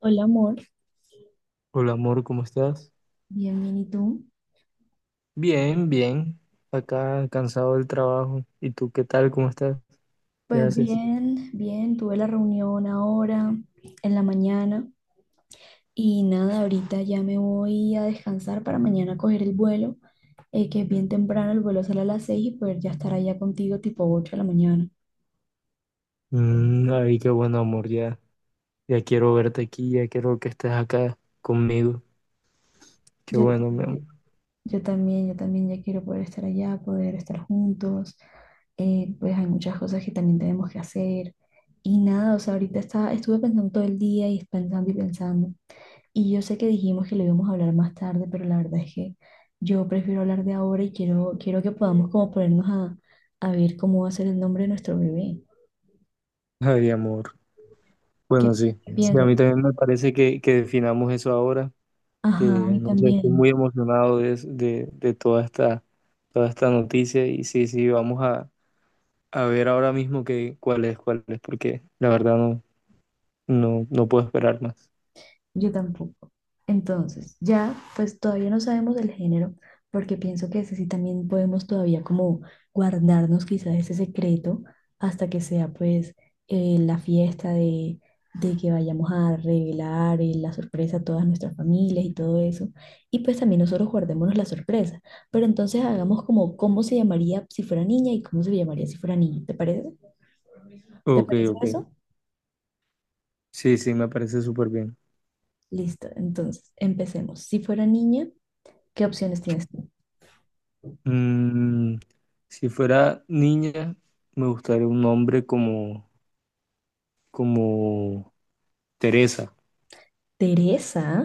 Hola, amor. Hola amor, ¿cómo estás? Bien, bien, ¿y tú? Bien, bien. Acá cansado del trabajo. ¿Y tú qué tal? ¿Cómo estás? ¿Qué Pues haces? bien, bien, tuve la reunión ahora en la mañana y nada, ahorita ya me voy a descansar para mañana coger el vuelo, que es bien temprano, el vuelo sale a las 6 y poder ya estar allá contigo tipo 8 de la mañana. Ay, qué bueno amor, ya. Ya quiero verte aquí, ya quiero que estés acá conmigo. Qué Yo bueno, mi amor. también, yo también, yo también ya quiero poder estar allá, poder estar juntos, pues hay muchas cosas que también tenemos que hacer y nada, o sea, ahorita está, estuve pensando todo el día y pensando y pensando. Y yo sé que dijimos que lo íbamos a hablar más tarde, pero la verdad es que yo prefiero hablar de ahora y quiero que podamos como ponernos a ver cómo va a ser el nombre de nuestro bebé. Ay, amor. ¿Qué, Bueno, sí. Sí, a piensas? mí también me parece que definamos eso ahora, Ajá, a que mí no sé, estoy también. muy emocionado de toda esta noticia y sí, sí, vamos a ver ahora mismo que, cuál es, porque la verdad no puedo esperar más. Yo tampoco. Entonces, ya, pues todavía no sabemos el género, porque pienso que ese sí también podemos todavía como guardarnos quizás ese secreto hasta que sea pues la fiesta de que vayamos a revelar la sorpresa a todas nuestras familias y todo eso. Y pues también nosotros guardémonos la sorpresa. Pero entonces hagamos como cómo se llamaría si fuera niña y cómo se llamaría si fuera niño. ¿Te parece? ¿Te Ok, parece ok. eso? Sí, sí, me parece súper bien. Listo. Entonces, empecemos. Si fuera niña, ¿qué opciones tienes tú? Mm, si fuera niña, me gustaría un nombre como, como Teresa. Teresa.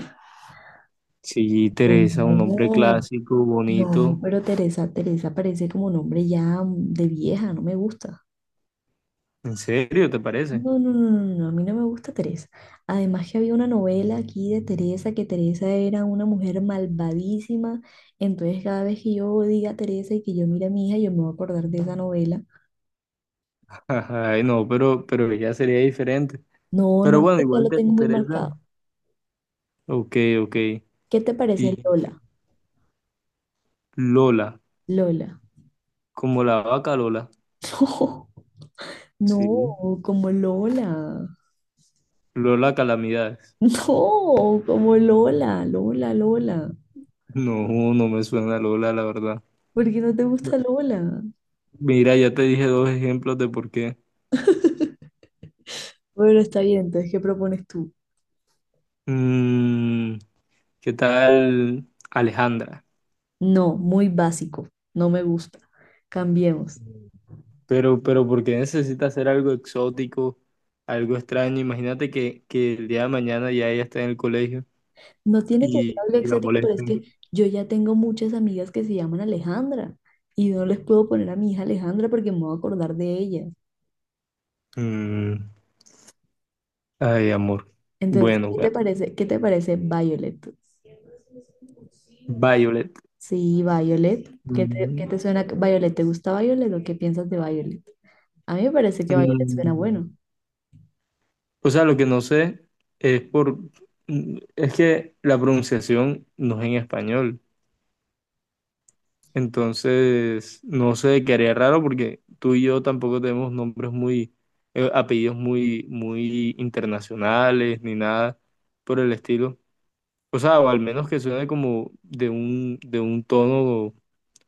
Sí, Teresa, un nombre No, clásico, no, bonito. pero Teresa, Teresa parece como nombre ya de vieja, no me gusta. ¿En serio, te parece? No, no, no, no, no, a mí no me gusta Teresa. Además que había una novela aquí de Teresa, que Teresa era una mujer malvadísima. Entonces cada vez que yo diga Teresa y que yo mire a mi hija, yo me voy a acordar de esa novela. Ay, no, pero ya sería diferente. No, Pero no, bueno, pues ya igual lo te tengo muy interesa. marcado. Ok, ok. ¿Qué te parece Y Lola? Lola, Lola. como la vaca Lola. No, Sí. como Lola. Lola Calamidades. No, como Lola, Lola, Lola. No, no me suena Lola, la verdad. ¿Por qué no te gusta Lola? Mira, ya te dije dos ejemplos de por qué. Bueno, está bien, entonces, ¿qué propones tú? Mm, ¿Qué tal Alejandra? No, muy básico, no me gusta. Cambiemos. Pero ¿por qué necesita hacer algo exótico, algo extraño? Imagínate que el día de mañana ya ella está en el colegio No tiene que ser algo y la exótico, pero es molesten. que yo ya tengo muchas amigas que se llaman Alejandra y no les puedo poner a mi hija Alejandra porque me voy a acordar de ella. Mm, ay, amor. Entonces, Bueno, ¿qué te bueno. parece? ¿Qué te parece Violet? Violet. Sí, Violet. ¿Qué Mm, qué te suena Violet? ¿Te gusta Violet o qué piensas de Violet? A mí me parece que Violet suena mm. bueno. O sea, lo que no sé es por... Es que la pronunciación no es en español. Entonces, no sé, quedaría raro porque tú y yo tampoco tenemos nombres muy, apellidos muy, muy internacionales ni nada por el estilo. O sea, o al menos que suene como de un tono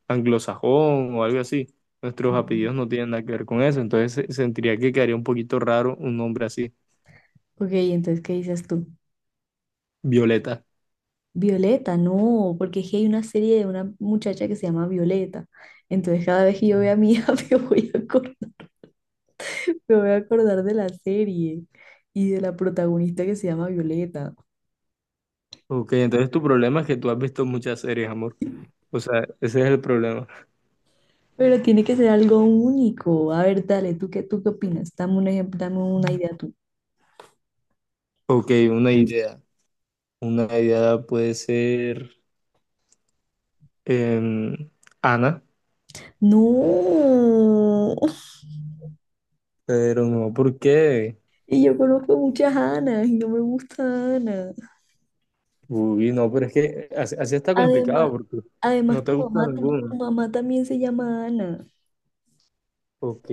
anglosajón o algo así. Nuestros apellidos Ujú. no tienen nada que ver con eso, entonces se- sentiría que quedaría un poquito raro un nombre así, Ok, entonces, ¿qué dices tú? Violeta. Violeta, no, porque es que hay una serie de una muchacha que se llama Violeta. Entonces, cada vez que yo vea a mi hija, me voy a acordar, me voy a acordar de la serie y de la protagonista que se llama Violeta. Ok, entonces tu problema es que tú has visto muchas series, amor. O sea, ese es el problema. Pero tiene que ser algo único. A ver, dale, tú qué opinas? Dame un ejemplo, dame una idea tú. Ok, una idea. Una idea puede ser em, Ana, No, pero no, ¿por qué? y yo conozco muchas Anas y no me gusta Ana. Uy, no, pero es que así, así está complicado Además, porque no además te gusta tu ninguno. mamá también se llama Ana. Ok,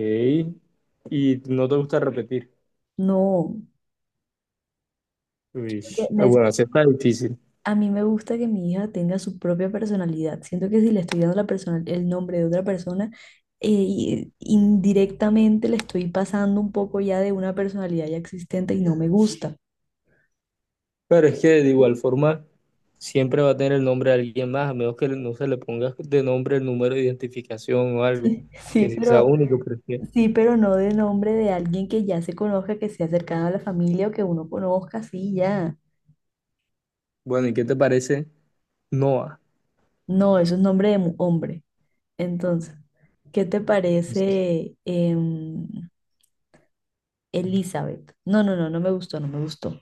y no te gusta repetir. No, Uy, creo que ah, bueno, así está difícil. a mí me gusta que mi hija tenga su propia personalidad. Siento que si le estoy dando la el nombre de otra persona, indirectamente le estoy pasando un poco ya de una personalidad ya existente y no me gusta. Pero es que de igual forma siempre va a tener el nombre de alguien más, a menos que no se le ponga de nombre el número de identificación o algo, que Sí, sí sea pero, único, pero es que- sí, pero no de nombre de alguien que ya se conozca, que sea cercano a la familia o que uno conozca, sí, ya. Bueno, ¿y qué te parece Noah? No, eso es nombre de hombre. Entonces, ¿qué te parece, Elizabeth? No, no, no, no me gustó, no me gustó.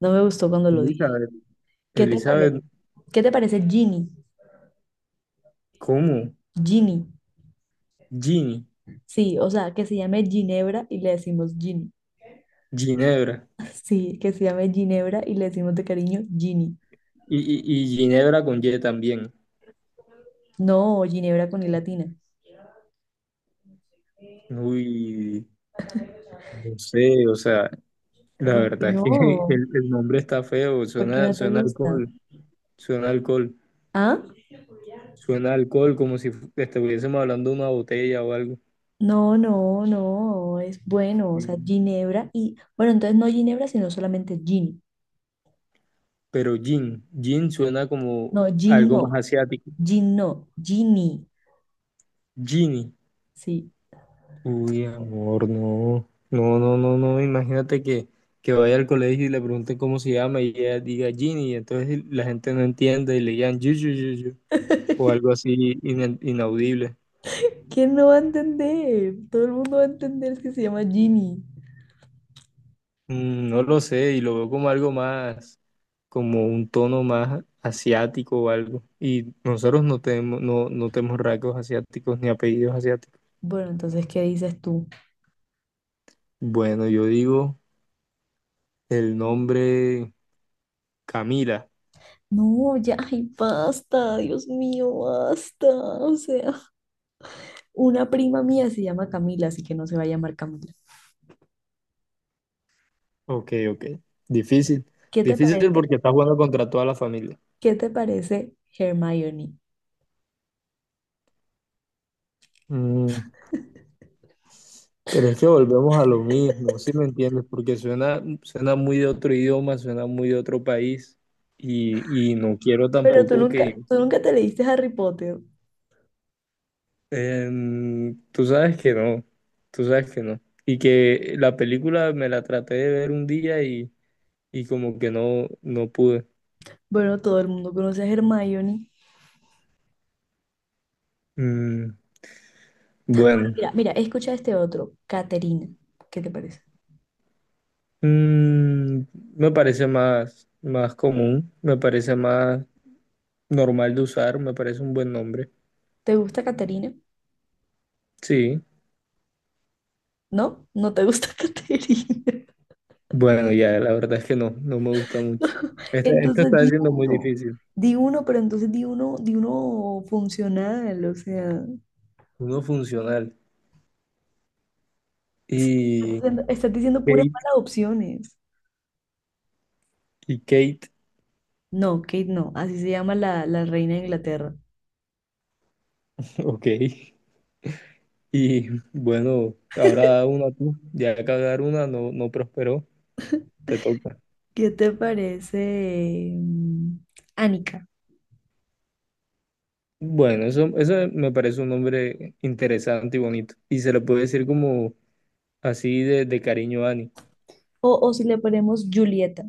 No me gustó cuando lo dije. Elizabeth, ¿Qué te parece? Elizabeth, ¿Qué te parece Ginny? ¿cómo? Ginny. Gini, Sí, o sea, que se llame Ginebra y le decimos Ginny. Ginebra. Sí, que se llame Ginebra y le decimos de cariño Ginny. Y Ginebra con Y también. No, Ginebra con i latina. Uy, no sé, o sea, la ¿Por qué verdad es que no? El nombre está feo, ¿Por qué suena, no te suena a gusta? alcohol, suena a alcohol, ¿Ah? suena a alcohol como si fu- estuviésemos hablando de una botella o algo. No, no, no, es bueno, o sea, Y- Ginebra y, bueno, entonces no Ginebra, sino solamente Ginny. Pero gin, gin suena como No, Gin algo más no, asiático. Gin no, Ginny. Gin. Sí. Uy, amor, no. No, no, no, no. Imagínate que vaya al colegio y le pregunten cómo se llama y ella diga Ginny, y entonces la gente no entiende y le digan yu, yu, yu, yu, o algo así ina- inaudible. ¿Quién no va a entender? Todo el mundo va a entender que se llama Ginny. No lo sé, y lo veo como algo más, como un tono más asiático o algo. Y nosotros no tenemos, no tenemos rasgos asiáticos ni apellidos asiáticos. Bueno, entonces, ¿qué dices tú? Bueno, yo digo el nombre Camila. No, ya, ay, basta, Dios mío, basta. O sea, una prima mía se llama Camila, así que no se va a llamar Camila. Ok, ok. Difícil. ¿Qué te Difícil parece? porque estás jugando contra toda la familia. ¿Qué te parece Hermione? Mm, pero es que volvemos a lo mismo, ¿sí me entiendes? Porque suena, suena muy de otro idioma, suena muy de otro país. Y no quiero Pero tampoco que... tú nunca te leíste Harry Potter. Tú sabes que no. Tú sabes que no. Y que la película me la traté de ver un día y como que no, no pude. Bueno, todo el mundo conoce a Hermione. Mm, bueno. Mira, mira, escucha este otro, Caterina. ¿Qué te parece? Mm, me parece más, más común, me parece más normal de usar, me parece un buen nombre. ¿Te gusta Caterina? Sí. ¿No? ¿No te gusta Caterina? Bueno, ya, la verdad es que no, no me gusta mucho. Este- esto Entonces está di siendo muy uno, difícil. Pero entonces di uno funcional, o sea, Uno funcional. sí, Y estás diciendo puras Kate, malas opciones. y Kate, No, Kate, no, así se llama la reina de Inglaterra. ok. Y bueno, ahora una tú. Ya cagar una no, no prosperó, te toca. ¿Qué te parece, Annika? Bueno, eso me parece un nombre interesante y bonito. Y se le puede decir como así de cariño a Annie. O si le ponemos Julieta.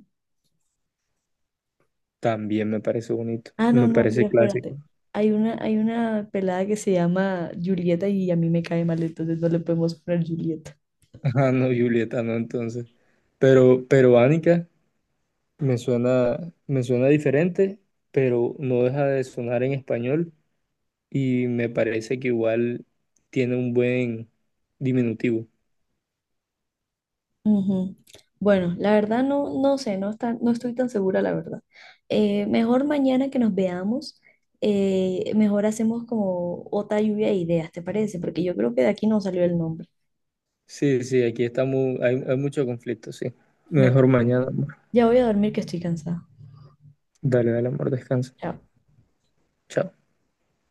También me parece bonito. Ah, no, Me no, pero parece clásico. espérate. Hay una pelada que se llama Julieta y a mí me cae mal, entonces no le podemos poner Julieta. Ah, no, Julieta, no, entonces. Pero Ánica me suena, me suena diferente, pero no deja de sonar en español y me parece que igual tiene un buen diminutivo. Ujú. Bueno, la verdad no, no sé, no está, no estoy tan segura, la verdad. Mejor mañana que nos veamos, mejor hacemos como otra lluvia de ideas, ¿te parece? Porque yo creo que de aquí no salió el nombre. Sí, sí, aquí estamos, hay mucho conflicto, sí. Bueno, Mejor mañana, amor. ya voy a dormir que estoy cansada. Dale, dale, amor, descansa. Chao. Chao.